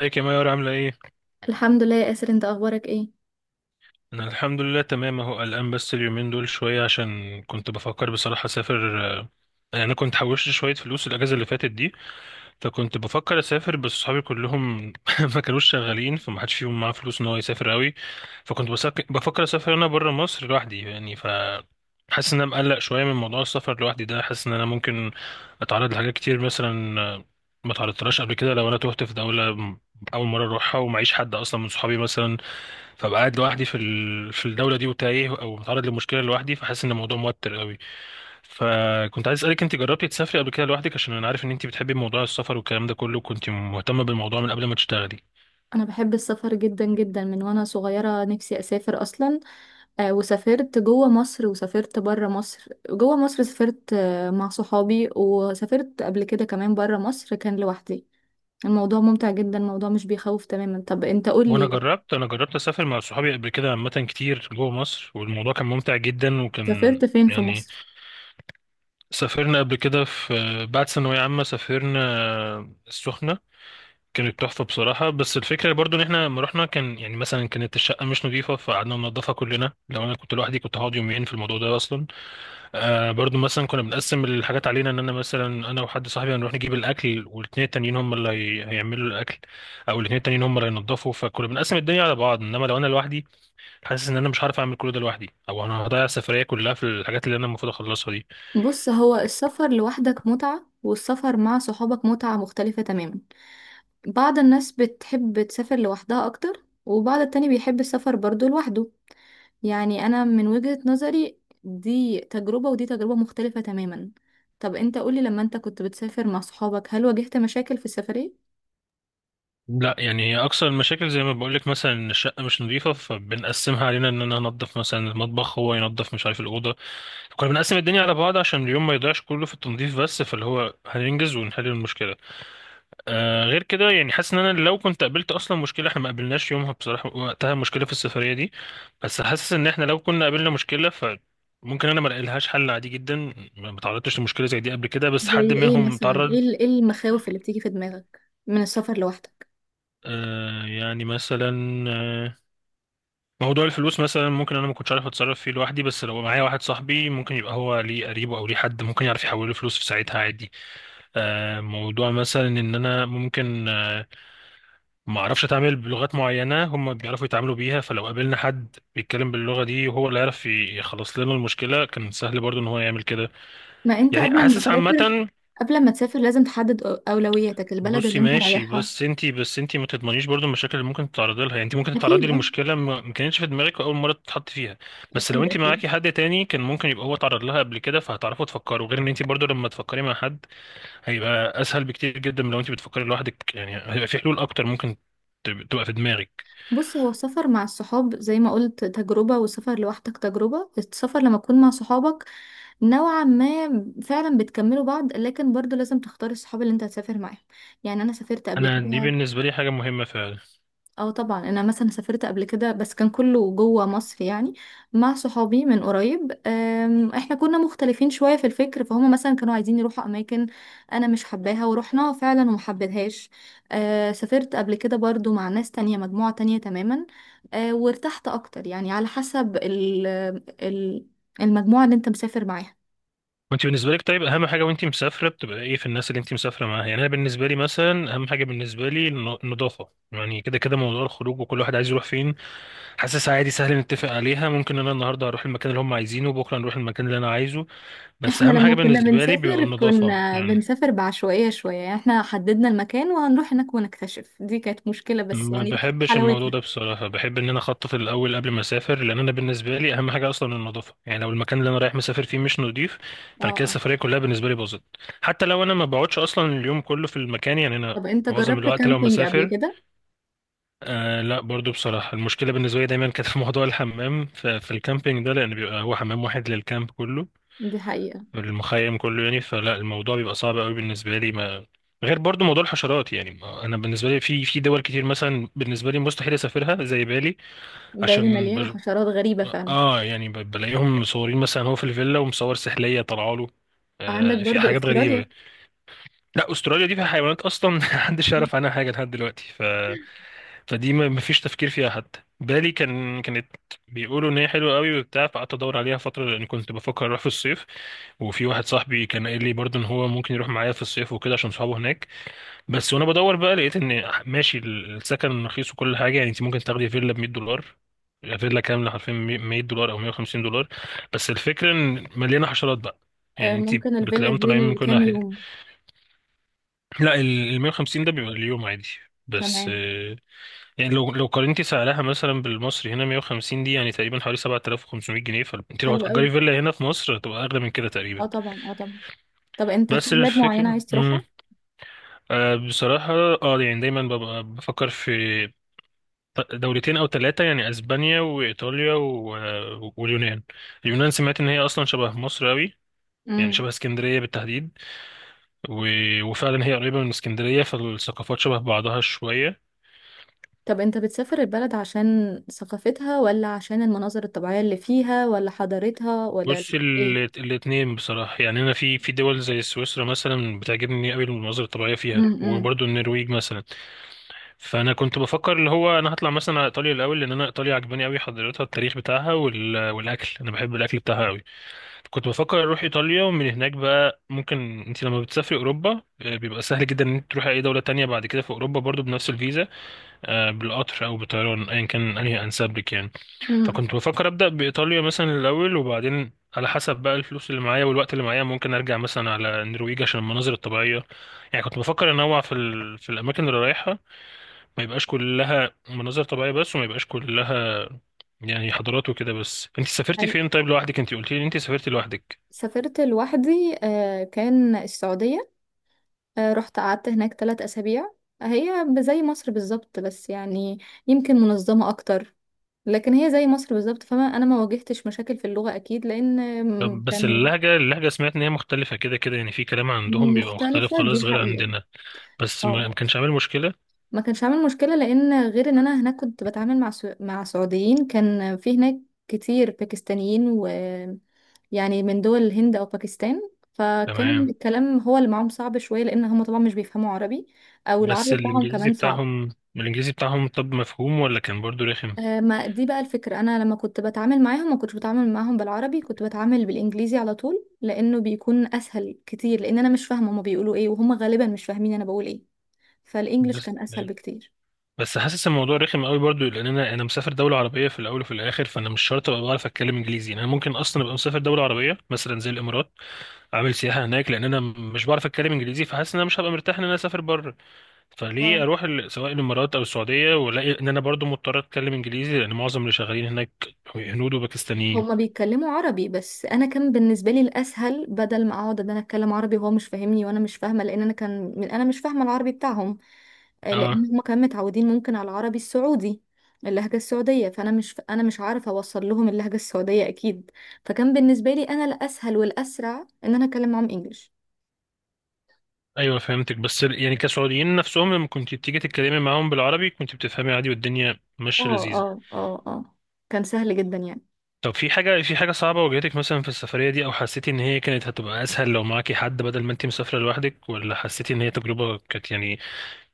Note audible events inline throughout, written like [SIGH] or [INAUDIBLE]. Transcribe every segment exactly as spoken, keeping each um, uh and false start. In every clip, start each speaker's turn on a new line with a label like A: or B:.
A: ازيك يا مايور؟ عاملة ايه؟
B: الحمد لله يا ياسر، انت اخبارك ايه؟
A: أنا الحمد لله تمام اهو، قلقان بس اليومين دول شوية عشان كنت بفكر بصراحة أسافر. آه، يعني أنا كنت حوشت شوية فلوس الأجازة اللي فاتت دي. فكنت بفكر أسافر، بس صحابي كلهم [LAUGHS] ما كانوش شغالين، فما حدش فيهم معاه فلوس إن هو يسافر أوي. فكنت بسك... بفكر أسافر أنا برا مصر لوحدي، يعني ف حاسس إن أنا مقلق شوية من موضوع السفر لوحدي ده. حاسس إن أنا ممكن أتعرض لحاجات كتير مثلا، آه، ما تعرضتلهاش قبل كده، لو أنا تهت في دولة أول مرة أروحها ومعيش حد أصلا من صحابي مثلا، فبقى قاعد لوحدي في ال... في الدوله دي وتايه او متعرض لمشكله لوحدي، فحاسس ان الموضوع موتر قوي. فكنت عايز اسالك، انت جربتي تسافري قبل كده لوحدك؟ عشان انا عارف ان انت بتحبي موضوع السفر والكلام ده كله، كنت مهتمه بالموضوع من قبل ما تشتغلي.
B: انا بحب السفر جدا جدا من وانا صغيره، نفسي اسافر اصلا. آه وسافرت جوه مصر وسافرت بره مصر. جوه مصر سافرت آه مع صحابي، وسافرت قبل كده كمان بره مصر كان لوحدي. الموضوع ممتع جدا، الموضوع مش بيخوف تماما. طب انت قول
A: وانا
B: لي،
A: جربت، انا جربت اسافر مع صحابي قبل كده عامه كتير جوه مصر، والموضوع كان ممتع جدا وكان
B: سافرت فين في
A: يعني.
B: مصر؟
A: سافرنا قبل كده في بعد ثانويه عامه، سافرنا السخنه. كانت تحفة بصراحة، بس الفكرة برضو ان احنا لما رحنا كان يعني مثلا كانت الشقة مش نظيفة فقعدنا ننضفها كلنا. لو انا كنت لوحدي كنت هقعد يومين في الموضوع ده اصلا. آه برضو مثلا كنا بنقسم الحاجات علينا، ان انا مثلا انا وحد صاحبي هنروح نجيب الاكل والاتنين التانيين هم اللي هي- هيعملوا الاكل، او الاتنين التانيين هم اللي هينضفوا. فكنا بنقسم الدنيا على بعض، انما لو انا لوحدي حاسس ان انا مش هعرف اعمل كل ده لوحدي، او انا هضيع السفرية كلها في الحاجات اللي انا المفروض اخلصها دي.
B: بص، هو السفر لوحدك متعه والسفر مع صحابك متعه مختلفه تماما. بعض الناس بتحب تسافر لوحدها اكتر وبعض التاني بيحب السفر برضو لوحده. يعني انا من وجهة نظري دي تجربة ودي تجربة مختلفة تماما. طب انت قولي، لما انت كنت بتسافر مع صحابك هل واجهت مشاكل في السفرية؟
A: لا، يعني اكثر المشاكل زي ما بقولك مثلا إن الشقه مش نظيفه، فبنقسمها علينا ان انا انضف مثلا المطبخ، هو ينضف مش عارف الاوضه. كنا بنقسم الدنيا على بعض عشان اليوم ما يضيعش كله في التنظيف بس، فاللي هو هننجز ونحل المشكله. آه غير كده يعني حاسس ان انا لو كنت قابلت اصلا مشكله، احنا ما قابلناش يومها بصراحه وقتها مشكله في السفريه دي، بس حاسس ان احنا لو كنا قابلنا مشكله ف ممكن انا ما لقيلهاش حل عادي جدا. ما ما تعرضتش لمشكله زي دي قبل كده، بس
B: زي
A: حد
B: ايه
A: منهم
B: مثلا؟
A: تعرض.
B: ايه ال- إيه المخاوف اللي بتيجي في دماغك من السفر لوحدك؟
A: آه يعني مثلا، آه، موضوع الفلوس مثلا ممكن انا ما كنتش عارف اتصرف فيه لوحدي، بس لو معايا واحد صاحبي ممكن يبقى هو ليه قريبه او ليه حد ممكن يعرف يحول له فلوس في ساعتها عادي. آه، موضوع مثلا ان انا ممكن، آه، ما اعرفش اتعامل بلغات معينه هم بيعرفوا يتعاملوا بيها، فلو قابلنا حد بيتكلم باللغه دي وهو اللي يعرف يخلص لنا المشكله كان سهل برضو ان هو يعمل كده.
B: ما انت
A: يعني
B: قبل ما
A: حاسس
B: تسافر
A: عامه.
B: قبل ما تسافر لازم تحدد أو- اولوياتك، البلد
A: بصي
B: اللي انت
A: ماشي،
B: رايحها.
A: بس انتي بس انتي ما تضمنيش برضو المشاكل اللي ممكن تتعرضي لها، يعني انتي ممكن تتعرضي
B: اكيد، اه.
A: لمشكله ما ما كانتش في دماغك اول مره تتحط فيها. بس لو
B: اكيد،
A: انتي
B: اكيد.
A: معاكي حد تاني كان ممكن يبقى هو اتعرض لها قبل كده، فهتعرفوا تفكروا، غير ان انتي برضو لما تفكري مع حد هيبقى اسهل بكتير جدا من لو انتي بتفكري لوحدك، يعني هيبقى في حلول اكتر ممكن تب- تبقى في دماغك.
B: بص، هو السفر مع الصحاب زي ما قلت تجربة، والسفر لوحدك تجربة. السفر لما تكون مع صحابك نوعا ما فعلا بتكملوا بعض، لكن برضو لازم تختاري الصحاب اللي انت هتسافر معاهم. يعني انا سافرت قبل
A: انا دي
B: كده.
A: بالنسبه لي حاجه مهمه فعلا.
B: اه طبعا، انا مثلا سافرت قبل كده بس كان كله جوه مصر يعني، مع صحابي من قريب. أم، احنا كنا مختلفين شوية في الفكر، فهم مثلا كانوا عايزين يروحوا اماكن انا مش حباها ورحناها فعلا وما حبيتهاش. أه، سافرت قبل كده برضو مع ناس تانية، مجموعة تانية تماما. أه، وارتحت اكتر، يعني على حسب ال ال- المجموعة اللي انت مسافر معاها.
A: وانتي بالنسبه لك طيب اهم حاجه وانتي مسافره بتبقى ايه في الناس اللي انتي مسافره معاها؟ يعني انا بالنسبه لي مثلا اهم حاجه بالنسبه لي الن- النظافه، يعني كده كده موضوع الخروج وكل واحد عايز يروح فين حاسس عادي سهل نتفق عليها، ممكن انا النهارده هروح المكان اللي هم عايزينه وبكره نروح المكان اللي انا عايزه. بس
B: احنا
A: اهم حاجه
B: لما كنا
A: بالنسبه لي بيبقى
B: بنسافر
A: النظافه
B: كنا
A: يعني.
B: بنسافر بعشوائية شوية، يعني احنا حددنا المكان وهنروح هناك ونكتشف. دي كانت مشكلة بس
A: ما
B: يعني دي
A: بحبش الموضوع
B: حلاوتها.
A: ده بصراحه، بحب ان انا اخطط الاول قبل ما اسافر، لان انا بالنسبه لي اهم حاجه اصلا النظافه، يعني لو المكان اللي انا رايح مسافر فيه مش نظيف
B: اه،
A: فانا كده
B: اه.
A: السفريه كلها بالنسبه لي باظت، حتى لو انا ما بقعدش اصلا اليوم كله في المكان، يعني انا
B: طب انت
A: معظم
B: جربت
A: الوقت لو
B: كامبينج قبل
A: مسافر.
B: كده؟
A: آه لا، برضو بصراحة المشكلة بالنسبة لي دايما كانت في [LAUGHS] موضوع الحمام في, في الكامبينج ده، لأن بيبقى هو حمام واحد للكامب كله،
B: دي حقيقة.
A: المخيم كله يعني، فلا الموضوع بيبقى صعب قوي بالنسبه لي ما غير برضو موضوع الحشرات، يعني ما انا بالنسبه لي في في دول كتير مثلا بالنسبه لي مستحيل اسافرها زي بالي.
B: بالي
A: عشان
B: مليانة
A: بج...
B: حشرات غريبة فعلا.
A: اه يعني ب- بلاقيهم مصورين مثلا، هو في الفيلا ومصور سحليه طالعه له.
B: عندك
A: آه في
B: برضو
A: حاجات
B: استراليا.
A: غريبه. لا استراليا دي فيها حيوانات اصلا [LAUGHS] محدش يعرف عنها حاجه لحد دلوقتي، فدي ما ما فيش تفكير فيها. حتى بالي كان كانت بيقولوا ان هي حلوه قوي وبتاع، فقعدت ادور عليها فتره لان كنت بفكر اروح في الصيف. وفي واحد صاحبي كان قال لي برضه ان هو ممكن يروح معايا في الصيف وكده عشان صحابه هناك. بس وانا بدور بقى لقيت ان ماشي السكن رخيص وكل حاجه، يعني انت ممكن تاخدي فيلا ب مية دولار، فيلا كامله حرفيا مية دولار او مية وخمسين دولار. بس الفكره ان مليانه حشرات بقى،
B: آه،
A: يعني انت
B: ممكن الفيلا
A: بتلاقيهم
B: دي
A: طالعين من كل
B: لكام
A: ناحيه.
B: يوم؟
A: لا ال مية وخمسين ده بيبقى اليوم عادي، بس
B: تمام.
A: يعني لو لو قارنتي سعرها مثلا بالمصري هنا مئة وخمسين دي يعني تقريبا حوالي سبعة آلاف وخمسمية جنيه، فانت لو
B: حلو قوي.
A: هتأجري فيلا هنا في مصر هتبقى أغلى من كده تقريبا.
B: اه طبعا، اه طبعا. طب انت في
A: بس
B: بلاد معينة
A: الفكرة
B: عايز
A: امم
B: تروحها؟
A: آه بصراحة، اه يعني دايما ببقى بفكر في ط- دولتين أو ثلاثة، يعني أسبانيا وإيطاليا و... آه، واليونان. اليونان سمعت إن هي أصلا شبه مصر أوي، يعني شبه اسكندرية بالتحديد. و... وفعلا هي قريبة من اسكندرية فالثقافات شبه بعضها شوية.
B: طب انت بتسافر البلد عشان ثقافتها ولا عشان المناظر الطبيعية اللي فيها ولا حضارتها ولا
A: بص ال-
B: ايه؟
A: الاتنين بصراحة، يعني أنا في في دول زي سويسرا مثلا بتعجبني أوي المناظر الطبيعية فيها،
B: امم.
A: وبرضه النرويج مثلا. فأنا كنت بفكر اللي هو أنا هطلع مثلا على إيطاليا الأول، لأن أنا إيطاليا عجباني أوي حضارتها، التاريخ بتاعها وال... والأكل، أنا بحب الأكل بتاعها أوي. كنت بفكر أروح إيطاليا، ومن هناك بقى ممكن، أنت لما بتسافري أوروبا، آه، بيبقى سهل جدا إن أنت تروحي أي دولة تانية بعد كده في أوروبا برضه بنفس الفيزا، آه، بالقطر أو بالطيران أيا كان أنهي أنسب لك يعني.
B: امم.
A: فكنت بفكر أبدأ بإيطاليا مثلا الأول، وبعدين على حسب بقى الفلوس اللي معايا والوقت اللي معايا ممكن أرجع مثلا على النرويج عشان المناظر الطبيعية. يعني كنت بفكر أنوع في ال... في الأماكن اللي رايحها، ما يبقاش كلها مناظر طبيعية بس، وما يبقاش كلها يعني حضارات وكده. بس أنت سافرتي
B: هل
A: فين طيب لوحدك؟ أنت قلتي لي أنت سافرتي لوحدك.
B: سافرت لوحدي؟ آه، كان السعودية. آه، رحت قعدت هناك ثلاث أسابيع. هي زي مصر بالظبط، بس يعني يمكن منظمة أكتر. لكن هي زي مصر بالظبط فما أنا ما واجهتش مشاكل في اللغة أكيد، لأن آم،
A: طب بس
B: كان
A: اللهجة اللهجة سمعت إن هي مختلفة، كده كده يعني في كلام عندهم بيبقى مختلف
B: مختلفة دي
A: خالص غير
B: حقيقة.
A: عندنا، بس
B: اه،
A: ما ما كانش عامل مشكلة؟
B: ما كانش عامل مشكلة لأن غير إن أنا هناك كنت بتعامل مع سو... مع سعوديين. كان في هناك كتير باكستانيين، و يعني من دول الهند أو باكستان. فكان
A: تمام.
B: الكلام هو اللي معاهم صعب شوية لأن هم طبعا مش بيفهموا عربي، أو
A: بس
B: العربي بتاعهم
A: الانجليزي
B: كمان صعب.
A: بتاعهم، الانجليزي بتاعهم طب مفهوم ولا كان برضو رخم؟
B: آه، ما دي بقى الفكرة، أنا لما كنت بتعامل معاهم ما كنتش بتعامل معاهم بالعربي، كنت بتعامل بالإنجليزي على طول لأنه بيكون أسهل كتير، لأن أنا مش فاهمة هما بيقولوا إيه وهم غالبا مش فاهمين أنا بقول إيه. فالإنجليش
A: بس
B: كان أسهل بكتير.
A: بس حاسس الموضوع رخم قوي برضو، لان انا انا مسافر دوله عربيه في الاول وفي الاخر، فانا مش شرط ابقى بعرف اتكلم انجليزي، يعني انا ممكن اصلا ابقى مسافر دوله عربيه مثلا زي الامارات عامل سياحه هناك، لان انا مش بعرف اتكلم انجليزي، فحاسس ان انا مش هبقى مرتاح ان انا اسافر بره. فليه
B: اه،
A: اروح ال- سواء الامارات او السعوديه والاقي ان انا برضو مضطر اتكلم انجليزي، لان معظم اللي شغالين هناك هنود وباكستانيين.
B: هما بيتكلموا عربي بس انا كان بالنسبه لي الاسهل، بدل ما اقعد ان انا اتكلم عربي وهو مش فاهمني وانا مش فاهمه، لان انا كان من انا مش فاهمه العربي بتاعهم. آه، لان
A: اه
B: هما كانوا متعودين ممكن على العربي السعودي، اللهجه السعوديه. فانا مش، انا مش عارفه اوصل لهم اللهجه السعوديه اكيد. فكان بالنسبه لي انا الاسهل والاسرع ان انا اتكلم معاهم انجليش.
A: ايوه فهمتك، بس ال- يعني كسعوديين نفسهم لما كنت بتيجي تتكلمي معاهم بالعربي كنت بتفهمي عادي والدنيا ماشيه
B: اه،
A: لذيذه؟
B: اه، اه، اه. كان سهل جدا يعني.
A: طب في حاجه، في حاجه صعبه واجهتك مثلا في السفريه دي، او حسيتي ان هي كانت هتبقى اسهل لو معاكي حد بدل ما انت مسافره لوحدك، ولا حسيتي ان هي تجربه كانت يعني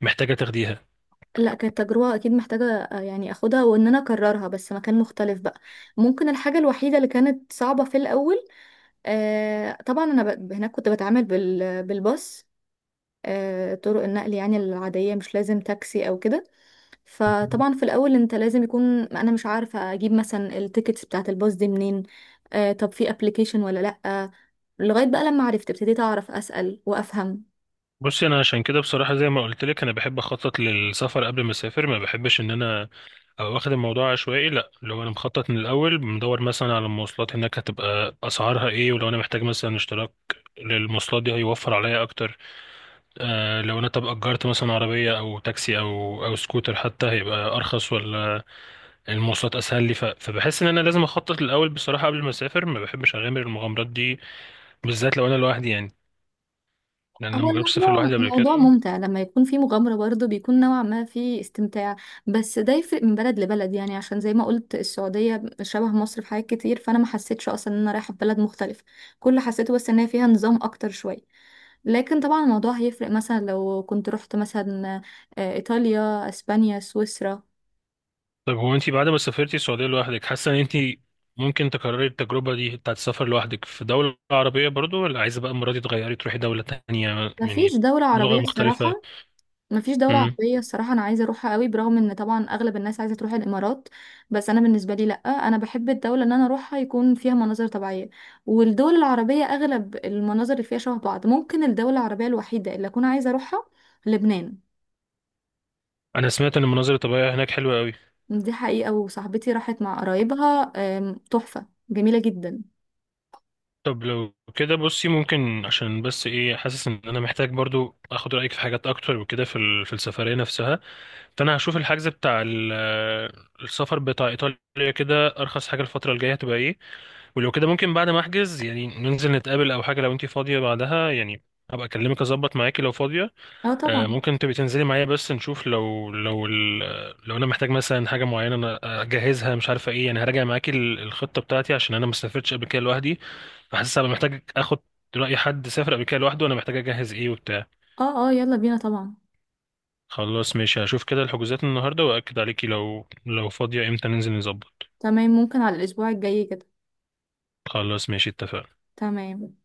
A: محتاجه تاخديها؟
B: لا، كانت تجربة أكيد محتاجة، آه، يعني أخدها، وإن أنا أكررها بس مكان مختلف بقى. ممكن الحاجة الوحيدة اللي كانت صعبة في الأول، آه طبعا انا ب... هناك كنت بتعامل بال... بالباص. آه طرق النقل يعني العادية، مش لازم تاكسي او كده. فطبعا في الاول انت لازم يكون، انا مش عارفة اجيب مثلا التيكتس بتاعة الباص دي منين، آه طب في ابلكيشن ولا لأ. لغاية بقى لما عرفت ابتديت اعرف اسأل وافهم.
A: بصي انا عشان كده بصراحه، زي ما قلت لك انا بحب اخطط للسفر قبل ما اسافر، ما بحبش ان انا أو واخد الموضوع عشوائي، لا لو انا مخطط من الاول مدور مثلا على المواصلات هناك هتبقى اسعارها ايه، ولو انا محتاج مثلا اشتراك للمواصلات دي هيوفر عليا اكتر. آه لو انا طب اجرت مثلا عربيه او تاكسي او او سكوتر حتى هيبقى ارخص، ولا المواصلات اسهل لي ف... فبحس ان انا لازم اخطط الاول بصراحه قبل ما اسافر، ما بحبش اغامر المغامرات دي بالذات لو انا لوحدي يعني، لان
B: هو
A: انا مجربتش اسافر
B: الموضوع
A: لوحدي قبل
B: الموضوع
A: كده.
B: ممتع لما يكون في مغامرة برضه، بيكون نوعا ما في استمتاع. بس ده يفرق من بلد لبلد، يعني عشان زي ما قلت السعودية شبه مصر في حاجات كتير، فأنا ما حسيتش أصلا إن أنا رايحة في بلد مختلف. كل اللي حسيته بس إن هي فيها نظام أكتر شوية. لكن طبعا الموضوع هيفرق مثلا لو كنت رحت مثلا آه، إيطاليا أسبانيا سويسرا.
A: طب هو انت بعد ما سافرتي السعودية لوحدك حاسة ان انت ممكن تكرري التجربة دي بتاعت السفر لوحدك في دولة عربية برضو، ولا عايزة بقى المرة دي تغيري تروحي دولة تانية
B: مفيش
A: يعني
B: دولة
A: لغة
B: عربية
A: مختلفة؟
B: الصراحة. مفيش دولة
A: امم
B: عربية الصراحة، أنا عايزة أروحها قوي برغم إن طبعا أغلب الناس عايزة تروح الإمارات. بس أنا بالنسبة لي لأ، أنا بحب الدولة إن أنا أروحها يكون فيها مناظر طبيعية. والدول العربية أغلب المناظر اللي فيها شبه بعض. ممكن الدولة العربية الوحيدة اللي أكون عايزة أروحها لبنان.
A: انا سمعت ان المناظر الطبيعية هناك حلوة قوي.
B: دي حقيقة، وصاحبتي راحت مع قرايبها، آم، تحفة جميلة جدا.
A: طب لو كده بصي ممكن عشان بس ايه، حاسس ان انا محتاج برضو اخد رأيك في حاجات اكتر وكده في ال- في السفرية نفسها، فانا هشوف الحجز بتاع ال- السفر بتاع ايطاليا كده ارخص حاجة الفترة الجاية هتبقى ايه، ولو كده ممكن بعد ما احجز يعني ننزل نتقابل او حاجه لو انتي فاضيه بعدها يعني، هبقى اكلمك اظبط معاكي لو فاضيه.
B: اه
A: آه،
B: طبعا.
A: ممكن تبقي تنزلي معايا بس نشوف لو لو ال- لو انا محتاج مثلا حاجه معينه انا اجهزها مش عارفه ايه، يعني هراجع معاكي ال- الخطه بتاعتي عشان انا ما سافرتش قبل كده لوحدي، فحاسس هبقى محتاج اخد راي حد سافر قبل كده لوحده، وانا محتاج اجهز ايه وبتاع.
B: اه، اه، يلا بينا طبعا.
A: خلاص ماشي، هشوف كده الحجوزات النهارده واكد عليكي لو لو فاضيه امتى ننزل نظبط.
B: تمام، ممكن على الأسبوع الجاي كده.
A: خلاص ماشي اتفقنا.
B: تمام.